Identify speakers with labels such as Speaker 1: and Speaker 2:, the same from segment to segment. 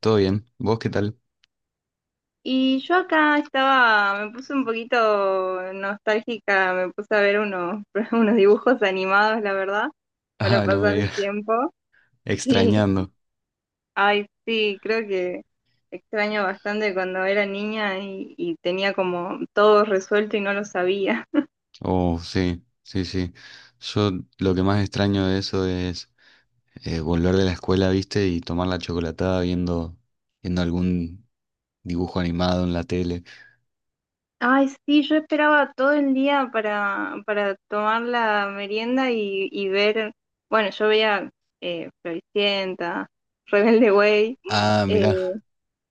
Speaker 1: Todo bien. ¿Vos qué tal?
Speaker 2: Y yo acá estaba, me puse un poquito nostálgica, me puse a ver unos, unos dibujos animados, la verdad, para
Speaker 1: Ah, no me
Speaker 2: pasar el
Speaker 1: digas.
Speaker 2: tiempo. Sí,
Speaker 1: Extrañando.
Speaker 2: ay, sí, creo que extraño bastante cuando era niña y tenía como todo resuelto y no lo sabía.
Speaker 1: Oh, sí, sí, sí. Yo lo que más extraño de eso es volver de la escuela, ¿viste? Y tomar la chocolatada viendo algún dibujo animado en la tele.
Speaker 2: Ay, sí, yo esperaba todo el día para tomar la merienda y ver, bueno, yo veía Floricienta, Rebelde Way.
Speaker 1: Ah, mirá,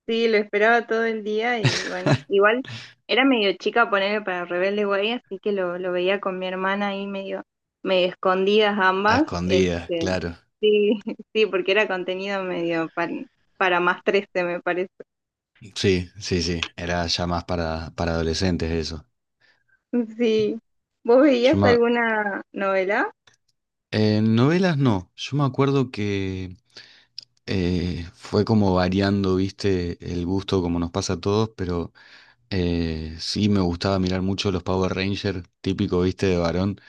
Speaker 2: Sí, lo esperaba todo el día y bueno, igual era medio chica ponerle para Rebelde Way, así que lo veía con mi hermana ahí medio escondidas
Speaker 1: a
Speaker 2: ambas.
Speaker 1: escondidas,
Speaker 2: Este,
Speaker 1: claro.
Speaker 2: sí, sí, porque era contenido medio para más 13, me parece.
Speaker 1: Sí, sí, sí. Era ya más para adolescentes eso.
Speaker 2: Sí. ¿Vos
Speaker 1: Yo
Speaker 2: veías
Speaker 1: me- ac-
Speaker 2: alguna novela?
Speaker 1: novelas no. Yo me acuerdo que fue como variando, ¿viste? El gusto como nos pasa a todos, pero... sí, me gustaba mirar mucho los Power Rangers, típico, viste, de varón,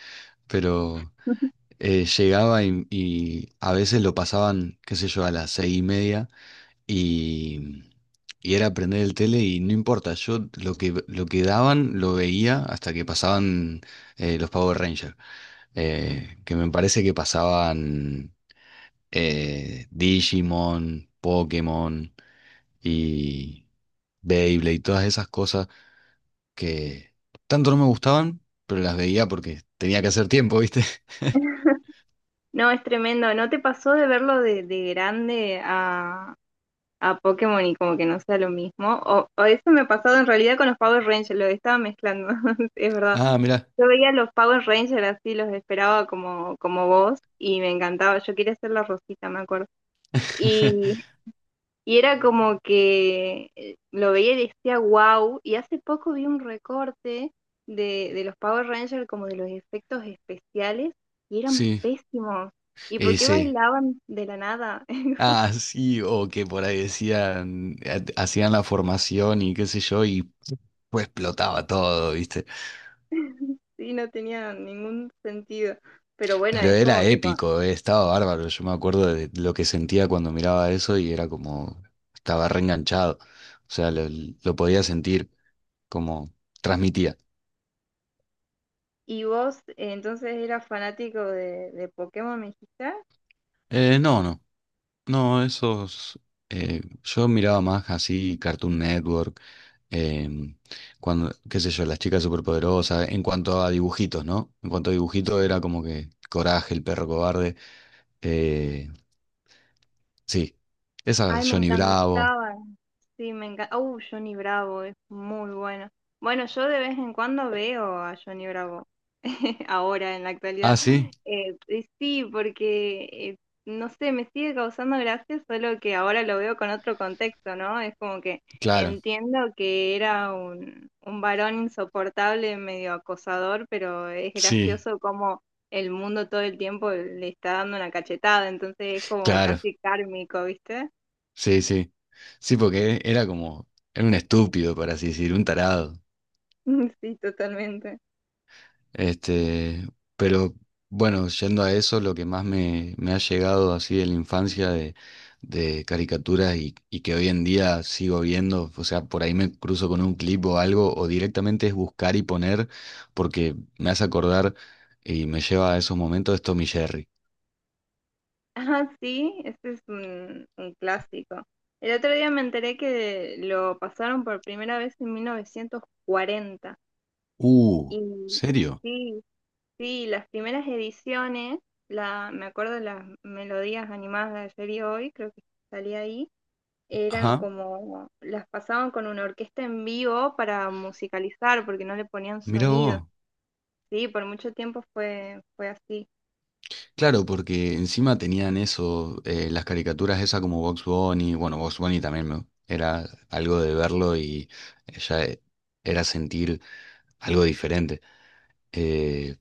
Speaker 1: pero llegaba y a veces lo pasaban, qué sé yo, a las 6:30 y, y era prender el tele y no importa, yo lo que daban lo veía hasta que pasaban los Power Rangers, que me parece que pasaban Digimon, Pokémon y Beyblade y todas esas cosas que tanto no me gustaban, pero las veía porque tenía que hacer tiempo, ¿viste?
Speaker 2: No, es tremendo. ¿No te pasó de verlo de grande a Pokémon y como que no sea lo mismo? O eso me ha pasado en realidad con los Power Rangers, lo estaba mezclando, es verdad.
Speaker 1: Ah, mirá.
Speaker 2: Yo veía los Power Rangers así, los esperaba como, como vos y me encantaba. Yo quería ser la Rosita, me acuerdo. Y, y era como que lo veía y decía wow. Y hace poco vi un recorte de los Power Rangers como de los efectos especiales y eran
Speaker 1: Sí,
Speaker 2: pésimos. ¿Y por qué
Speaker 1: sí.
Speaker 2: bailaban de la nada?
Speaker 1: Ah, sí, o que por ahí decían, hacían la formación y qué sé yo, y pues explotaba todo, ¿viste?
Speaker 2: Sí, no tenía ningún sentido. Pero bueno,
Speaker 1: Pero
Speaker 2: es
Speaker 1: era
Speaker 2: como que cua-
Speaker 1: épico, estaba bárbaro. Yo me acuerdo de lo que sentía cuando miraba eso y era como, estaba reenganchado. O sea, lo podía sentir, como transmitía.
Speaker 2: ¿Y vos entonces eras fanático de Pokémon, me dijiste?
Speaker 1: No. No, esos. Yo miraba más así Cartoon Network, em, cuando, qué sé yo, las chicas superpoderosas, en cuanto a dibujitos, ¿no? En cuanto a dibujitos era como que Coraje, el perro cobarde. eh, sí, esa
Speaker 2: Ay, me
Speaker 1: Johnny Bravo.
Speaker 2: encantaba. Sí, me encanta. Johnny Bravo es muy bueno. Bueno, yo de vez en cuando veo a Johnny Bravo, ahora en la
Speaker 1: Ah,
Speaker 2: actualidad.
Speaker 1: sí,
Speaker 2: Y sí, porque no sé, me sigue causando gracia, solo que ahora lo veo con otro contexto, ¿no? Es como que
Speaker 1: claro.
Speaker 2: entiendo que era un varón insoportable, medio acosador, pero es
Speaker 1: Sí,
Speaker 2: gracioso como el mundo todo el tiempo le está dando una cachetada, entonces es como
Speaker 1: claro.
Speaker 2: casi kármico, ¿viste?
Speaker 1: Sí, sí. Sí, porque era como, era un estúpido, por así decir, un tarado.
Speaker 2: Sí, totalmente.
Speaker 1: Este, pero bueno, yendo a eso, lo que más me ha llegado así de la infancia de caricaturas y que hoy en día sigo viendo, o sea, por ahí me cruzo con un clip o algo, o directamente es buscar y poner, porque me hace acordar y me lleva a esos momentos de Tom y Jerry.
Speaker 2: Ah, sí, ese es un clásico. El otro día me enteré que lo pasaron por primera vez en 1940.
Speaker 1: Uh,
Speaker 2: Y
Speaker 1: ¿Serio?
Speaker 2: sí, sí, las primeras ediciones, la, me acuerdo de las melodías animadas de ayer y hoy, creo que salía ahí, eran
Speaker 1: Ajá,
Speaker 2: como, las pasaban con una orquesta en vivo para musicalizar, porque no le ponían
Speaker 1: mira
Speaker 2: sonido.
Speaker 1: vos.
Speaker 2: Sí, por mucho tiempo fue, fue así.
Speaker 1: Claro, porque encima tenían eso, las caricaturas esas como Box Bunny, bueno, Box Bunny también era algo de verlo y ya e- era sentir algo diferente. Eh,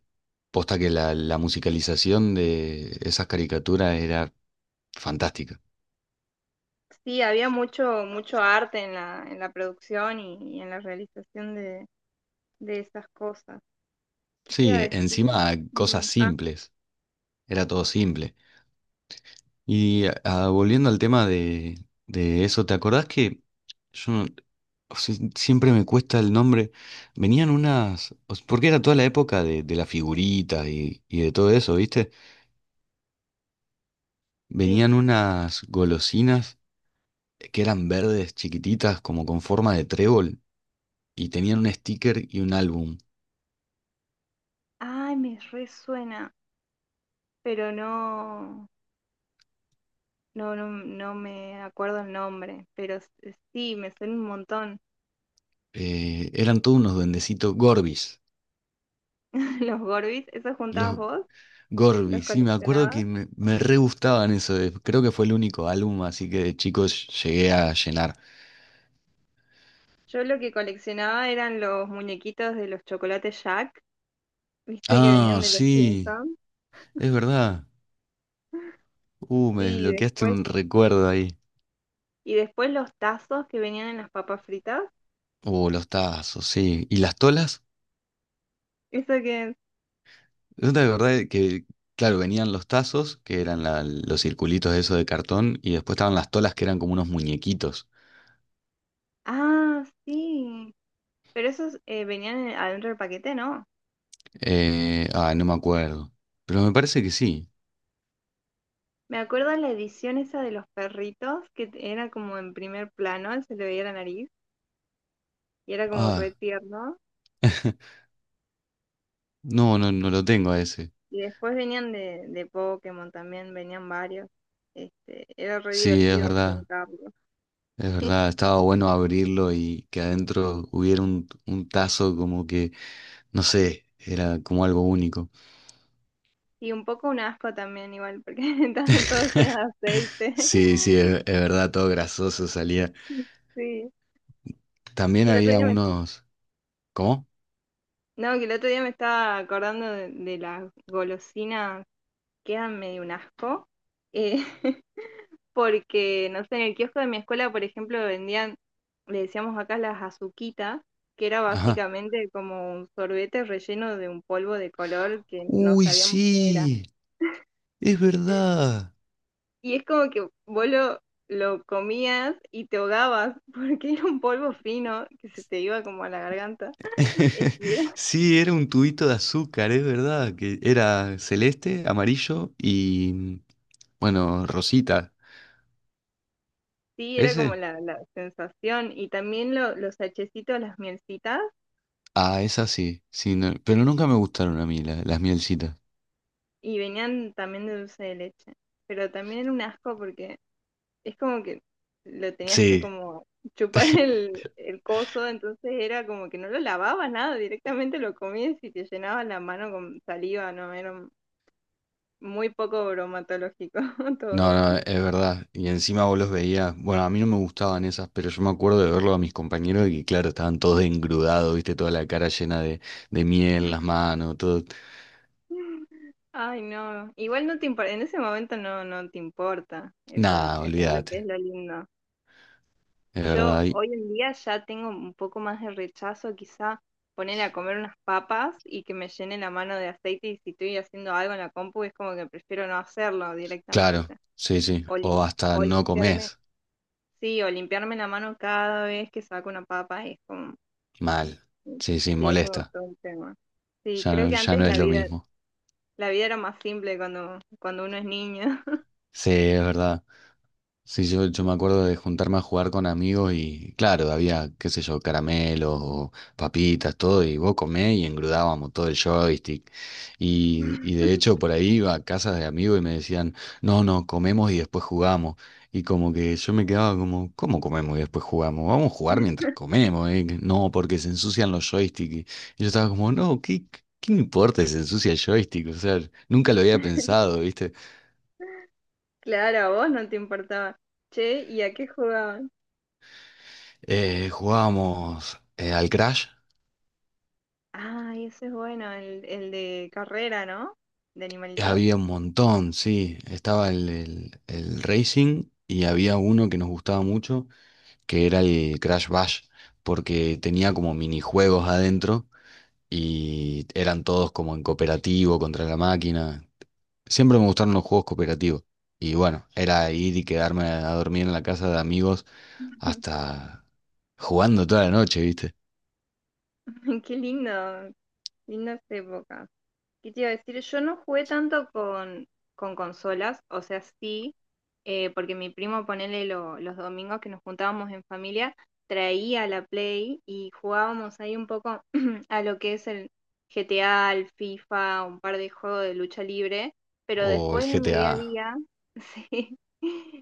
Speaker 1: posta que la musicalización de esas caricaturas era fantástica.
Speaker 2: Sí, había mucho, mucho arte en la producción y en la realización de esas cosas. ¿Qué te iba
Speaker 1: Sí,
Speaker 2: a decir?
Speaker 1: encima cosas
Speaker 2: Mm. Ah,
Speaker 1: simples, era todo simple. Y ah, volviendo al tema de eso, ¿te acordás que yo no- o sea, siempre me cuesta el nombre. Venían unas, porque era toda la época de las figuritas y de todo eso, ¿viste?
Speaker 2: sí.
Speaker 1: Venían unas golosinas que eran verdes, chiquititas, como con forma de trébol, y tenían un sticker y un álbum.
Speaker 2: Ay, me resuena, pero no, no, no, no me acuerdo el nombre, pero sí, me suena un montón.
Speaker 1: Eran todos unos duendecitos Gorbis.
Speaker 2: Los Gorbis, ¿esos juntabas
Speaker 1: Los
Speaker 2: vos? ¿Los
Speaker 1: Gorbis, sí, me acuerdo
Speaker 2: coleccionabas?
Speaker 1: que me re gustaban eso. Creo que fue el único álbum, así que de chicos llegué a llenar.
Speaker 2: Yo lo que coleccionaba eran los muñequitos de los chocolates Jack, ¿viste que venían
Speaker 1: Ah,
Speaker 2: de los
Speaker 1: sí,
Speaker 2: Simpsons?
Speaker 1: es verdad. Me
Speaker 2: Sí,
Speaker 1: desbloqueaste
Speaker 2: después.
Speaker 1: un recuerdo ahí.
Speaker 2: Y después los tazos que venían en las papas fritas.
Speaker 1: Los tazos, sí. ¿Y las tolas?
Speaker 2: Eso que.
Speaker 1: Es de verdad que, claro, venían los tazos, que eran los circulitos esos de cartón, y después estaban las tolas, que eran como unos muñequitos.
Speaker 2: Ah, sí. Pero esos venían adentro del paquete, ¿no?
Speaker 1: No me acuerdo. Pero me parece que sí.
Speaker 2: Me acuerdo la edición esa de los perritos, que t- era como en primer plano, se le veía la nariz, y era como re
Speaker 1: Ah,
Speaker 2: tierno.
Speaker 1: no lo tengo a ese.
Speaker 2: Y después venían de Pokémon también, venían varios. Este, era re
Speaker 1: Sí, es
Speaker 2: divertido
Speaker 1: verdad,
Speaker 2: juntarlos.
Speaker 1: es verdad. Estaba bueno abrirlo y que adentro hubiera un tazo como que, no sé, era como algo único.
Speaker 2: Y un poco un asco también, igual, porque estaban todos llenos de aceite.
Speaker 1: Sí, sí, es verdad, todo grasoso salía.
Speaker 2: Sí. Sí,
Speaker 1: También
Speaker 2: el otro
Speaker 1: había
Speaker 2: día me.
Speaker 1: unos. ¿Cómo?
Speaker 2: No, que el otro día me estaba acordando de las golosinas, quedan medio un asco, eh, porque, no sé, en el kiosco de mi escuela, por ejemplo, vendían, le decíamos acá las azuquitas, que era
Speaker 1: Ajá.
Speaker 2: básicamente como un sorbete relleno de un polvo de color que no
Speaker 1: Uy,
Speaker 2: sabíamos qué era.
Speaker 1: sí, es verdad.
Speaker 2: Y es como que vos lo comías y te ahogabas, porque era un polvo fino que se te iba como a la garganta. Y era.
Speaker 1: Sí, era un tubito de azúcar, es verdad, que era celeste, amarillo y, bueno, rosita.
Speaker 2: Sí, era como
Speaker 1: ¿Ese?
Speaker 2: la sensación. Y también los hachecitos, las mielcitas,
Speaker 1: Ah, esa sí, sí, no- pero nunca me gustaron a mí las mielcitas.
Speaker 2: y venían también de dulce de leche. Pero también era un asco porque es como que lo tenías que
Speaker 1: Sí.
Speaker 2: como chupar el coso, entonces era como que no lo lavabas nada, directamente lo comías y te llenabas la mano con saliva, ¿no? Era muy poco bromatológico
Speaker 1: No,
Speaker 2: todo.
Speaker 1: no, es verdad. Y encima vos los veías. Bueno, a mí no me gustaban esas, pero yo me acuerdo de verlo a mis compañeros y que, claro, estaban todos engrudados, viste, toda la cara llena de miel, las manos, todo.
Speaker 2: Ay, no. Igual no te importa, en ese momento no, no te importa. Eso,
Speaker 1: Nada,
Speaker 2: eso creo que es
Speaker 1: olvídate.
Speaker 2: lo lindo.
Speaker 1: Es
Speaker 2: Yo
Speaker 1: verdad, y-
Speaker 2: hoy en día ya tengo un poco más de rechazo, quizá ponerle a comer unas papas y que me llene la mano de aceite y si estoy haciendo algo en la compu es como que prefiero no hacerlo
Speaker 1: claro,
Speaker 2: directamente.
Speaker 1: sí, sí.
Speaker 2: O,
Speaker 1: O hasta
Speaker 2: o
Speaker 1: no
Speaker 2: limpiarme,
Speaker 1: comes
Speaker 2: sí, o limpiarme la mano cada vez que saco una papa es como,
Speaker 1: mal.
Speaker 2: mm,
Speaker 1: Sí, sí,
Speaker 2: sí, es como
Speaker 1: molesta.
Speaker 2: todo un tema. Sí,
Speaker 1: Ya
Speaker 2: creo
Speaker 1: no,
Speaker 2: que
Speaker 1: ya
Speaker 2: antes
Speaker 1: no es lo mismo.
Speaker 2: la vida era más simple cuando, cuando uno es niño.
Speaker 1: Sí, es verdad. Sí, yo me acuerdo de juntarme a jugar con amigos y claro, había, qué sé yo, caramelos o papitas, todo, y vos comés y engrudábamos todo el joystick. Y de hecho por ahí iba a casas de amigos y me decían, no, no, comemos y después jugamos. Y como que yo me quedaba como, ¿cómo comemos y después jugamos? Vamos a jugar mientras comemos, ¿eh? No, porque se ensucian los joysticks. Y yo estaba como, no, ¿qué, qué me importa si se ensucia el joystick? O sea, nunca lo había pensado, ¿viste?
Speaker 2: Claro, a vos no te importaba. Che, ¿y a qué jugabas?
Speaker 1: Jugábamos al Crash.
Speaker 2: Ah, ese es bueno, el de carrera, ¿no? De animalitos.
Speaker 1: Había un montón, sí. Estaba el Racing y había uno que nos gustaba mucho, que era el Crash Bash, porque tenía como minijuegos adentro y eran todos como en cooperativo contra la máquina. Siempre me gustaron los juegos cooperativos. Y bueno, era ir y quedarme a dormir en la casa de amigos hasta jugando toda la noche, ¿viste?
Speaker 2: Qué lindo, linda esa época. ¿Qué te iba a decir? Yo no jugué tanto con consolas, o sea, sí, porque mi primo, ponele los domingos que nos juntábamos en familia, traía la Play y jugábamos ahí un poco a lo que es el GTA, el FIFA, un par de juegos de lucha libre, pero
Speaker 1: O el
Speaker 2: después en mi día a
Speaker 1: GTA.
Speaker 2: día, sí,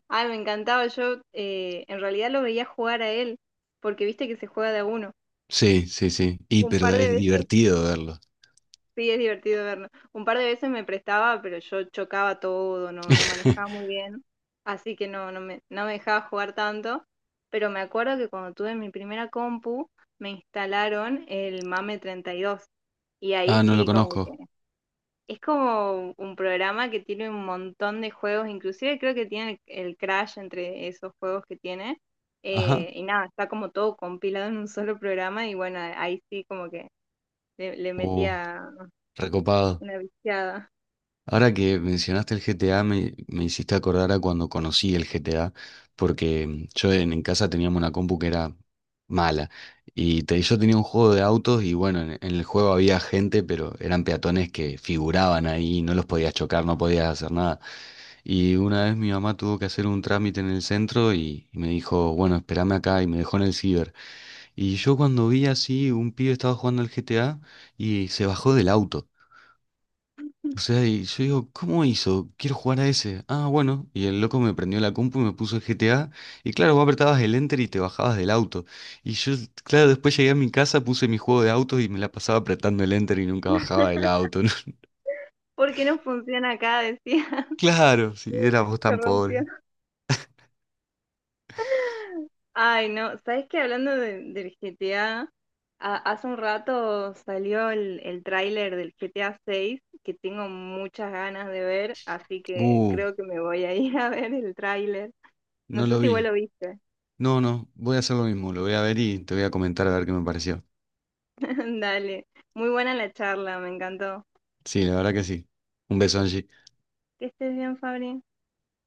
Speaker 2: ay, me encantaba, yo en realidad lo veía jugar a él, porque viste que se juega de a uno.
Speaker 1: Sí, sí, sí. Y
Speaker 2: Un
Speaker 1: pero
Speaker 2: par de
Speaker 1: es
Speaker 2: veces.
Speaker 1: divertido verlo.
Speaker 2: Sí, es divertido verlo. Un par de veces me prestaba, pero yo chocaba todo, no, no manejaba muy bien, así que no, no me dejaba jugar tanto. Pero me acuerdo que cuando tuve mi primera compu, me instalaron el MAME 32. Y dos. Y ahí
Speaker 1: Ah, no lo
Speaker 2: sí, como que
Speaker 1: conozco.
Speaker 2: es como un programa que tiene un montón de juegos, inclusive creo que tiene el Crash entre esos juegos que tiene.
Speaker 1: Ajá.
Speaker 2: Eh, y nada, está como todo compilado en un solo programa y bueno, ahí sí como que le
Speaker 1: Oh,
Speaker 2: metía
Speaker 1: recopado.
Speaker 2: una viciada.
Speaker 1: Ahora que mencionaste el GTA, me hiciste acordar a cuando conocí el GTA, porque yo en casa teníamos una compu que era mala. Yo tenía un juego de autos y bueno, en el juego había gente, pero eran peatones que figuraban ahí, no los podías chocar, no podías hacer nada. Y una vez mi mamá tuvo que hacer un trámite en el centro y me dijo, bueno, espérame acá y me dejó en el ciber. Y yo cuando vi así, un pibe estaba jugando al GTA y se bajó del auto. O sea, y yo digo, ¿cómo hizo? Quiero jugar a ese. Ah, bueno. Y el loco me prendió la compu y me puso el GTA. Y claro, vos apretabas el enter y te bajabas del auto. Y yo, claro, después llegué a mi casa, puse mi juego de autos y me la pasaba apretando el enter y nunca bajaba del auto, ¿no?
Speaker 2: ¿Por qué no funciona acá? Decía,
Speaker 1: Claro, si éramos
Speaker 2: se
Speaker 1: tan pobres.
Speaker 2: rompió. Ay, no, ¿sabes qué? Hablando del GTA, hace un rato salió el tráiler del GTA 6 que tengo muchas ganas de ver, así que
Speaker 1: Uh,
Speaker 2: creo que me voy a ir a ver el tráiler. No
Speaker 1: no
Speaker 2: sé
Speaker 1: lo
Speaker 2: si vos lo
Speaker 1: vi.
Speaker 2: viste.
Speaker 1: No, no, voy a hacer lo mismo. Lo voy a ver y te voy a comentar a ver qué me pareció.
Speaker 2: Dale, muy buena la charla, me encantó.
Speaker 1: Sí, la verdad que sí. Un beso, Angie.
Speaker 2: Que estés bien, Fabri.